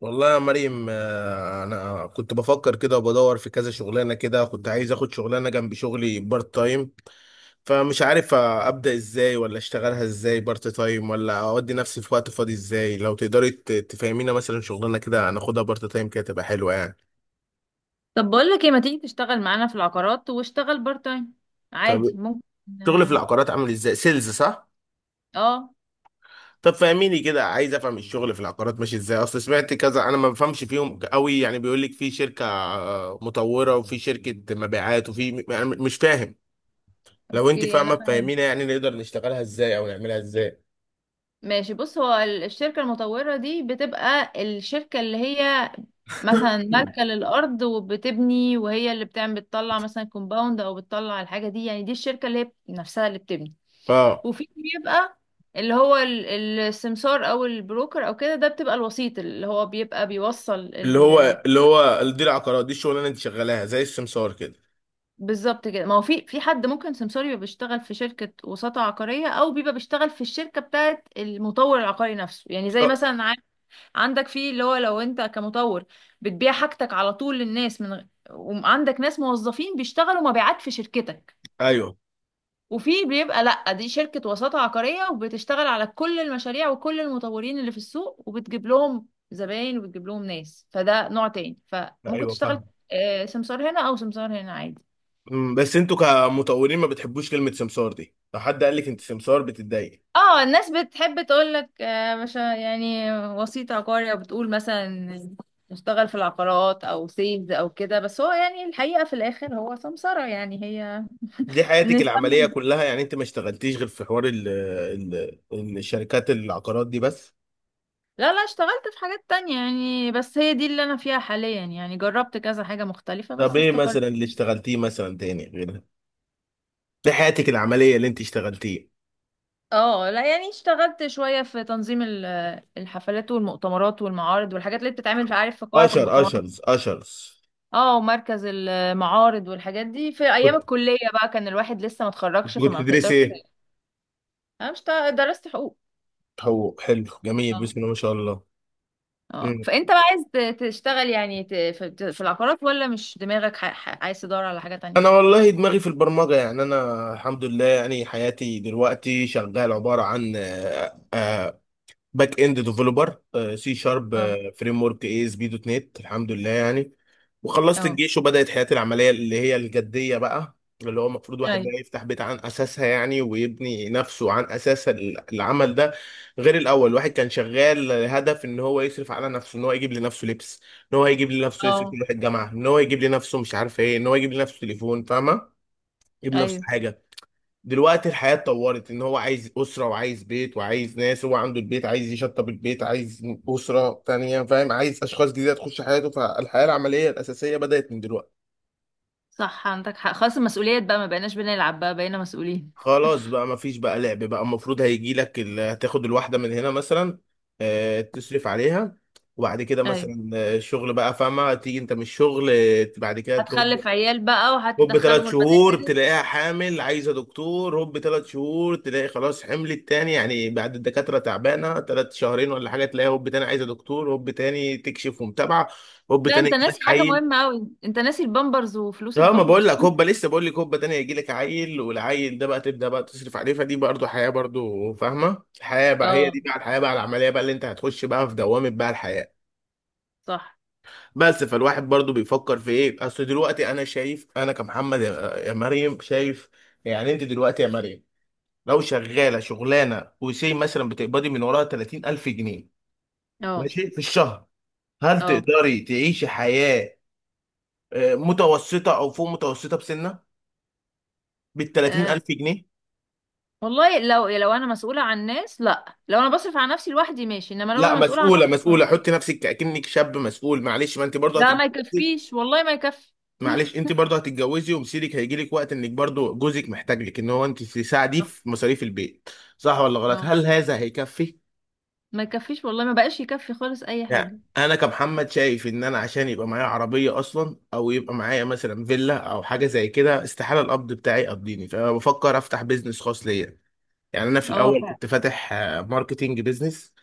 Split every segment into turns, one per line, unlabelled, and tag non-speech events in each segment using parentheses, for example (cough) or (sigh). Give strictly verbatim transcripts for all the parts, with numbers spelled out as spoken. والله يا مريم، آه، انا كنت بفكر كده وبدور في كذا شغلانه كده. كنت عايز اخد شغلانه جنب شغلي بارت تايم، فمش عارف ابدا ازاي ولا اشتغلها ازاي بارت تايم ولا اودي نفسي في وقت فاضي ازاي. لو تقدري ت- تفهمينا مثلا شغلانه كده هناخدها بارت تايم كده تبقى حلوه يعني.
طب، بقول لك ايه، ما تيجي تشتغل معانا في العقارات واشتغل بارت تايم؟
طب
عادي، ممكن.
شغل في
اه.
العقارات عامل ازاي؟ سيلز، صح؟
آه،
طب فهميني كده، عايز افهم الشغل في العقارات ماشي ازاي، اصل سمعت كذا. انا ما بفهمش فيهم قوي يعني. بيقول لك في شركة آه، مطورة، وفي شركة مبيعات، وفي م- يعني مش فاهم. لو انت
اوكي، انا
فاهمة
فاهم.
فهمينا، يعني نقدر نشتغلها ازاي او نعملها ازاي.
ماشي، بص هو ال- الشركة المطورة دي بتبقى الشركة اللي هي مثلا مالكة
(clears throat)
للأرض وبتبني، وهي اللي بتعمل بتطلع مثلا كومباوند أو بتطلع الحاجة دي، يعني دي الشركة اللي هي نفسها اللي بتبني.
اه.
وفي بيبقى اللي هو ال- السمسار أو البروكر أو كده، ده بتبقى الوسيط اللي هو بيبقى بيوصل.
اللي هو اللي هو دي العقارات، دي الشغلانة اللي انت شغالاها زي السمسار كده.
بالظبط كده، ما هو في في حد ممكن سمسار يبقى بيشتغل في شركة وساطة عقارية، أو بيبقى بيشتغل في الشركة بتاعت المطور العقاري نفسه، يعني زي
اه،
مثلا ع- عندك، في اللي هو لو أنت كمطور بتبيع حاجتك على طول للناس من غ- وعندك ناس موظفين بيشتغلوا مبيعات في شركتك.
ايوه،
وفي بيبقى لأ، دي شركة وساطة عقارية وبتشتغل على كل المشاريع وكل المطورين اللي في السوق، وبتجيب لهم زباين وبتجيب لهم ناس، فده نوع تاني، فممكن
ايوه
تشتغل
فاهم.
آه، سمسار هنا أو سمسار هنا، عادي.
أمم، بس انتوا كمطورين ما بتحبوش كلمة سمسار دي؟ لو حد قال لك انت سمسار بتتضايق؟
اه، الناس بتحب تقولك آه، مش يعني وسيط عقاري، او بتقول مثلا اشتغل في العقارات او سيلز او كده، بس هو يعني الحقيقة في الاخر هو سمسرة، يعني هي
دي حياتك العملية
نسمي...
كلها يعني؟ انت ما اشتغلتيش غير في حوار ال ال الشركات العقارات دي بس؟
لا، لا، اشتغلت في حاجات تانية يعني، بس هي دي اللي انا فيها حاليا، يعني جربت كذا حاجة مختلفة
طب
بس
ايه
استقرت.
مثلا اللي اشتغلتيه مثلا تاني غيرها؟ دي حياتك العملية اللي انت اشتغلتيه؟
اه، لا يعني اشتغلت شوية في تنظيم ال- الحفلات والمؤتمرات والمعارض والحاجات اللي بتتعمل في، عارف، في قاعة
اشر
المؤتمرات.
اشرز اشرز.
اه، ومركز المعارض والحاجات دي في ايام
كنت
الكليه بقى، كان الواحد لسه ما اتخرجش
كنت
فما
بتدرسي
بتقدرش.
ايه؟
انا مش تع- درست حقوق.
حقوق، حلو، جميل،
اه.
بسم الله ما شاء الله.
اه،
مم.
فانت بقى عايز ت- تشتغل يعني، ت- في ت- في العقارات، ولا مش دماغك، ح- ح- عايز تدور على حاجه تانية؟
انا والله دماغي في البرمجة، يعني انا الحمد لله يعني حياتي دلوقتي شغال عبارة عن آه، آه، باك اند ديفلوبر، سي شارب،
اه.
فريم ورك اي اس بي دوت نت، الحمد لله يعني. وخلصت
اه.
الجيش وبدأت حياتي العملية اللي هي الجدية بقى، اللي هو المفروض واحد
ايوه.
بقى يفتح بيت عن أساسها يعني، ويبني نفسه عن أساس ال- العمل ده. غير الأول الواحد كان شغال هدف إن هو يصرف على نفسه، إن هو يجيب لنفسه لبس، إن هو يجيب لنفسه يصرف،
اه.
يروح الجامعة، إن هو يجيب لنفسه مش عارف إيه، إن هو يجيب لنفسه تليفون، فاهمة، يجيب نفسه
ايوه.
حاجة. دلوقتي الحياة اتطورت، ان هو عايز اسرة، وعايز بيت، وعايز ناس، هو عنده البيت عايز يشطب البيت، عايز اسرة تانية، فاهم، عايز اشخاص جديدة تخش حياته. فالحياة العملية الاساسية بدأت من دلوقتي.
صح، عندك حق. خلاص المسؤوليات بقى، ما بقيناش بنلعب بقى، بقينا مسؤولين.
خلاص بقى، مفيش بقى لعب بقى، المفروض هيجي لك ال- هتاخد الواحدة من هنا مثلا، آه، تصرف عليها، وبعد كده
ايوه.
مثلا آه، الشغل بقى فاهمة، تيجي انت من الشغل آه، بعد كده تطبخ.
هتخلف عيال بقى
هوب، ثلاث
وهتدخلهم
شهور
المدارس.
تلاقيها حامل عايزه دكتور، هوب، ثلاث شهور تلاقي خلاص حملت تاني يعني، بعد الدكاتره تعبانه ثلاث شهرين ولا حاجه تلاقيها هوب تاني عايزه دكتور، هوب تاني تكشف ومتابعه، هوب
لا
تاني
انت
يجي لك
ناسي حاجه
عيل.
مهمه قوي، انت ناسي البامبرز وفلوس
اه، ما بقول
البامبرز.
لك هوبا،
(laughs)
لسه بقول لك هوبا تاني هيجي لك عيل، والعيل ده بقى تبدا بقى تصرف عليه، فدي برضه حياه برضه، فاهمه. الحياه بقى هي
اه.
دي بقى، الحياه بقى العمليه بقى اللي انت هتخش بقى في دوامه بقى الحياه.
صح.
بس فالواحد برضه بيفكر في ايه، اصل دلوقتي انا شايف، انا كمحمد يا يا مريم شايف، يعني انت دلوقتي يا مريم لو شغاله شغلانه وسي مثلا بتقبضي من وراها ثلاثين ألف جنيه
اه.
ماشي في الشهر، هل
اه.
تقدري تعيشي حياه آه، متوسطه او فوق متوسطه بسنه بال
آه
ثلاثين ألف جنيه؟
والله، لو لو انا مسؤولة عن ناس لا، لو انا بصرف على نفسي لوحدي ماشي، انما لو
لا،
انا مسؤولة عن
مسؤوله
ناس...
مسؤوله، حطي نفسك اكنك شاب مسؤول، معلش ما انت
(laughs)
برضه
ده ما
هتتجوزي،
يكفيش والله، ما يكفي. (laughs)
معلش انت برضه هتتجوزي ومصيرك هيجي لك وقت انك برضه جوزك محتاج لك ان هو انت تساعديه
صح.
في مصاريف البيت، صح ولا غلط؟
اه،
هل هذا هيكفي؟
ما يكفيش والله، ما بقاش يكفي خالص اي حاجة.
يعني انا كمحمد شايف ان انا عشان يبقى معايا عربيه اصلا او يبقى معايا مثلا فيلا او حاجه زي كده، استحاله القبض بتاعي يقضيني، فبفكر افتح بيزنس خاص ليا. يعني انا في
اه
الاول
فعلا.
كنت فاتح آه، ماركتينج بيزنس،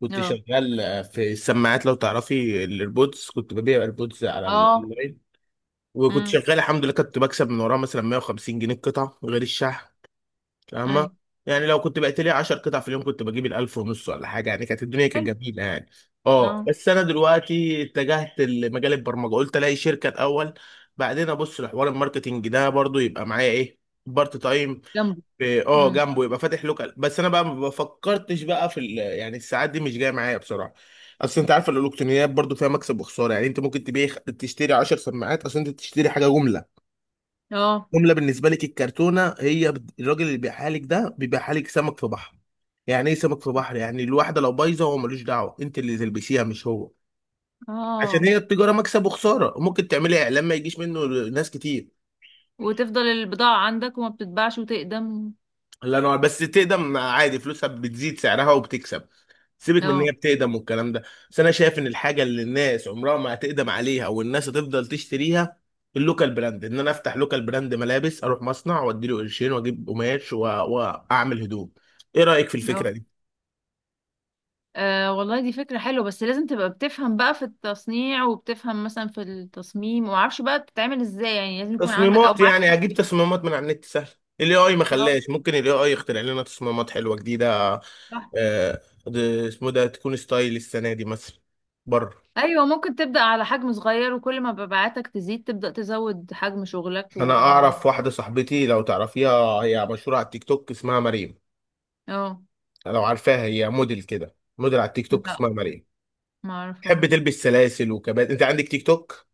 كنت
اه.
شغال آه، في السماعات لو تعرفي الايربودز، كنت ببيع ايربودز على
اه.
الاونلاين، وكنت
امم
شغال الحمد لله، كنت بكسب من وراها مثلا مية وخمسين جنيه القطعه غير الشحن، فاهمة.
ايوه،
يعني لو كنت بقيت لي 10 قطع في اليوم كنت بجيب الألف ونص ولا حاجة يعني، كانت الدنيا كانت
حلو.
جميلة يعني. اه،
اه
بس أنا دلوقتي اتجهت لمجال البرمجة، قلت ألاقي شركة الأول، بعدين أبص لحوار الماركتينج ده برضو يبقى معايا إيه، بارت تايم
جنبه.
في- اه
امم
جنبه، يبقى فاتح لوكال. بس أنا بقى ما فكرتش بقى في ال- يعني الساعات دي مش جاية معايا بصراحة. أصل أنت عارف الإلكترونيات برضو فيها مكسب وخسارة، يعني أنت ممكن تبيع تشتري 10 سماعات، أصل أنت تشتري حاجة جملة،
اه.
جمله بالنسبه لك الكرتونه هي بت- الراجل اللي بيبيعها لك ده بيبيعها لك سمك في بحر. يعني ايه سمك في بحر؟ يعني الواحده لو بايظه هو ملوش دعوه، انت اللي تلبسيها مش هو، عشان
اه،
هي التجاره مكسب وخساره، وممكن تعملي اعلان ما يجيش منه ناس كتير.
وتفضل البضاعة عندك وما بتتباعش وتقدم.
الله ينور، بس تقدم عادي، فلوسها بتزيد، سعرها وبتكسب، سيبك من ان هي
اه.
بتقدم والكلام ده. بس انا شايف ان الحاجه اللي الناس عمرها ما هتقدم عليها والناس هتفضل تشتريها، اللوكال براند، ان انا افتح لوكال براند ملابس، اروح مصنع واديله قرشين واجيب قماش و... واعمل هدوم. ايه رايك في
اه.
الفكره دي؟
آه والله دي فكرة حلوة، بس لازم تبقى بتفهم بقى في التصنيع، وبتفهم مثلا في التصميم، ومعرفش بقى بتتعمل ازاي يعني، لازم يكون عندك او
تصميمات
معاك
يعني اجيب
حد.
تصميمات من على النت سهل، الاي اي ما
اه.
خلاش ممكن الاي اي يخترع لنا تصميمات حلوه جديده.
صح.
آه، ده- اسمه ده تكون ستايل السنه دي مثلا، بره.
ايوه، ممكن تبدأ على حجم صغير، وكل ما مبيعاتك تزيد تبدأ تزود حجم شغلك،
انا
ويعني...
اعرف واحده صاحبتي لو تعرفيها، هي مشهوره على التيك توك، اسمها مريم،
اه.
لو عارفاها، هي موديل كده، موديل على التيك توك،
لا،
اسمها مريم،
ما
تحب
اعرفهاش.
تلبس سلاسل وكبات، انت عندك تيك توك؟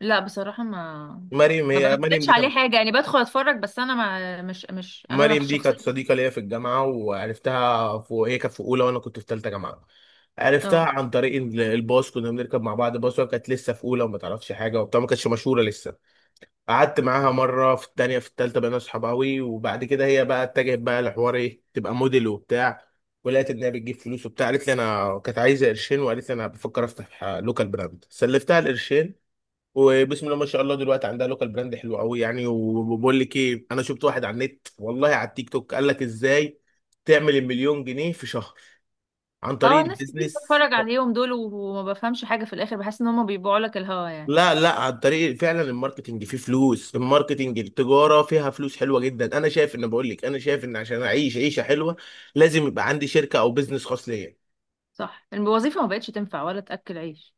لا بصراحة، ما
مريم
ما
هي مريم
بنزلش
دي
عليه
كانت
حاجة يعني، بدخل اتفرج بس، انا ما مش مش انا
مريم دي كانت
شخصيا.
صديقه ليا في الجامعه، وعرفتها في هي كانت في اولى وانا كنت في ثالثه جامعه، عرفتها
اه.
عن طريق ال- الباص، كنا بنركب مع بعض باص، وهي كانت لسه في اولى وما تعرفش حاجه وبتاع، ما كانتش مشهوره لسه. قعدت معاها مرة في التانية في التالتة بقينا صحاب أوي، وبعد كده هي بقى اتجهت بقى لحوار إيه، تبقى موديل وبتاع، ولقيت إن هي بتجيب فلوس وبتاع، قالت لي أنا كانت عايزة قرشين، وقالت لي أنا بفكر أفتح لوكال براند، سلفتها القرشين، وبسم الله ما شاء الله دلوقتي عندها لوكال براند حلو أوي يعني. وبقول لك إيه، أنا شفت واحد على النت، والله على التيك توك، قال لك إزاي تعمل المليون جنيه في شهر عن
اه،
طريق
ناس كتير
البيزنس.
بتفرج عليهم دول وما بفهمش حاجة، في الاخر بحس ان هم بيبيعوا لك الهوا يعني.
لا، لا، على الطريق فعلا، الماركتنج فيه فلوس، الماركتنج التجارة فيها فلوس حلوة جدا. انا شايف ان بقول لك انا شايف ان عشان اعيش عيشة حلوة لازم يبقى عندي شركة او بزنس خاص ليا.
صح، الوظيفة ما بقتش تنفع ولا تأكل عيش.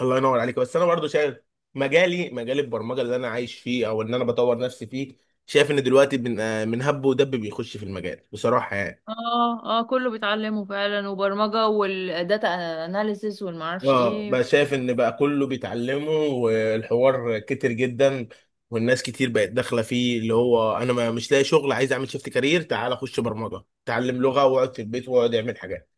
الله ينور عليك. بس انا برضو شايف مجالي مجال البرمجة اللي انا عايش فيه او ان انا بطور نفسي فيه، شايف ان دلوقتي من آه، من هب ودب بيخش في المجال بصراحة يعني.
اه. اه، كله بيتعلمه فعلا، وبرمجة والداتا اناليسيس والمعرفش
اه،
ايه.
بقى شايف ان بقى كله بيتعلمه والحوار كتر جدا، والناس كتير بقت داخله فيه، اللي هو انا ما مش لاقي شغل عايز اعمل شيفت كارير، تعال اخش برمجه اتعلم لغه واقعد في البيت واقعد اعمل حاجات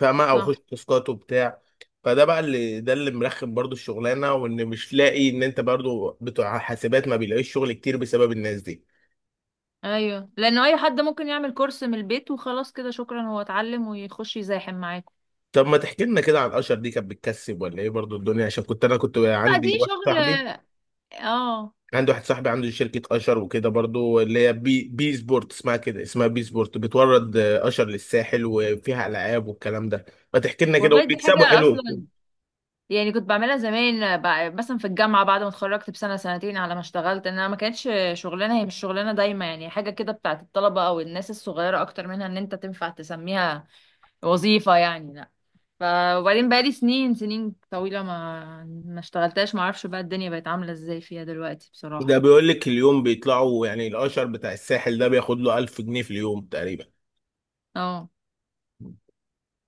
فاهمه، او اخش
صح.
تاسكات وبتاع. فده بقى اللي ده اللي مرخم برضو الشغلانه، وان مش لاقي ان انت برضو بتوع حاسبات ما بيلاقيش شغل كتير بسبب الناس دي.
ايوه، لانه اي حد ممكن يعمل كورس من البيت وخلاص كده شكرا، هو اتعلم ويخش يزاحم معاكم.
طب ما تحكي لنا كده عن اشر، دي كانت بتكسب ولا ايه برضو الدنيا، عشان كنت انا كنت
لا، دي
عندي واحد
شغل.
صاحبي
اه،
عندي واحد صاحبي عنده شركة أشر وكده برضو، اللي هي بي, بي سبورت، اسمها كده اسمها بي سبورت، بتورد آه، أشر للساحل، وفيها ألعاب والكلام ده. ما تحكي لنا كده،
والله دي
وبيكسبوا
حاجة
حلو؟
اصلا، يعني كنت بعملها زمان بع- مثلا في الجامعة، بعد ما اتخرجت بسنة سنتين على ما اشتغلت، انها ما كانتش شغلانة، هي مش شغلانة دايما يعني، حاجة كده بتاعت الطلبة او الناس الصغيرة اكتر منها، ان انت تنفع تسميها وظيفة يعني، لا. ف... وبعدين بقالي سنين سنين طويلة ما ما اشتغلتهاش، ما اعرفش بقى الدنيا بقت عاملة ازاي فيها دلوقتي
ده
بصراحة.
بيقول لك اليوم بيطلعوا يعني الأشر بتاع الساحل ده بياخد له ألف جنيه في اليوم تقريبا،
اه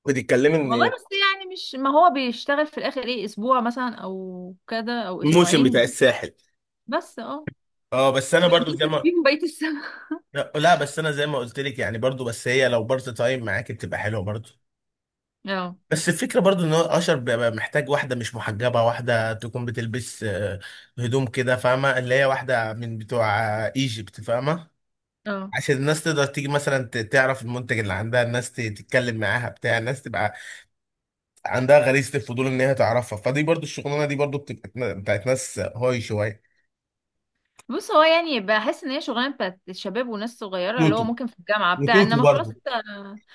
بتتكلمي
والله،
إن
بس يعني مش، ما هو بيشتغل في الاخر ايه، اسبوع مثلا او كده او
الموسم بتاع
اسبوعين.
الساحل؟
بس اه،
اه، بس انا برضو زي
بيصرف
ما،
فيهم بقية السنة.
لا، لا، بس انا زي ما قلت لك يعني برضو، بس هي لو بارت تايم معاك بتبقى حلوه برضو.
(laughs) اه.
بس الفكرة برضو ان هو اشر بيبقى محتاج واحدة مش محجبة، واحدة تكون بتلبس آه، هدوم كده فاهمة، اللي هي واحدة من بتوع آه، ايجيبت فاهمة،
اه،
عشان الناس تقدر تيجي مثلا ت- تعرف المنتج اللي عندها، الناس ت- تتكلم معاها بتاع، الناس تبقى عندها غريزة الفضول ان هي تعرفها، فدي برضو الشغلانة دي برضو بتبقى نا- بتاعت ناس هاي شوية.
بص هو يعني بحس ان هي شغلانة بتاعت الشباب وناس صغيرة، اللي هو
توتو
ممكن في الجامعة بتاع،
وتوتو
انما خلاص
برضو،
انت...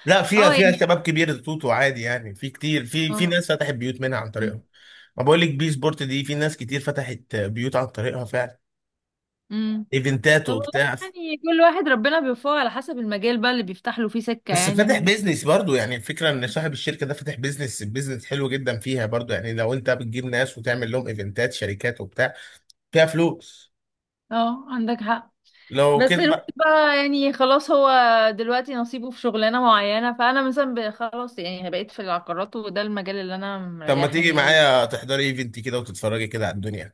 لا فيها
اه
فيها
يعني.
شباب كبير توتو عادي، يعني في كتير في في ناس فتحت بيوت منها عن طريقهم، ما بقول لك بي سبورت دي في ناس كتير فتحت بيوت عن طريقها فعلا،
اه.
ايفنتات
طب والله
وبتاع.
يعني، كل واحد ربنا بيوفقه على حسب المجال بقى اللي بيفتح له فيه سكة،
بس
يعني
فاتح
و...
بيزنس برضو يعني الفكره ان صاحب الشركه ده فاتح بيزنس بيزنس حلو جدا فيها برضو، يعني لو انت بتجيب ناس وتعمل لهم ايفنتات شركات وبتاع فيها فلوس
اه عندك حق.
لو
بس
كده
الواحد
بقى.
بقى يعني، خلاص هو دلوقتي نصيبه في شغلانة معينة، فأنا مثلا ب- خلاص يعني، بقيت في العقارات وده المجال اللي أنا
طب ما تيجي
مريحني.
معايا تحضري ايفنت كده وتتفرجي كده على الدنيا؟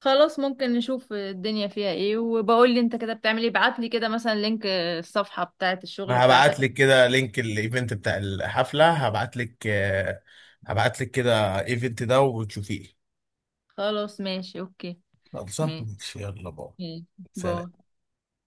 خلاص، ممكن نشوف الدنيا فيها ايه، وبقول لي انت كده بتعمل ايه، ابعت لي كده مثلا لينك الصفحة بتاعت الشغل
ما
بتاعتك.
هبعت لك كده لينك الايفنت بتاع الحفله، هبعت لك هبعت لك كده ايفنت ده وتشوفيه.
خلاص ماشي اوكي.
خلصان
ماشي.
ماشي، يلا بقى.
ماشي.
سلام.
باي.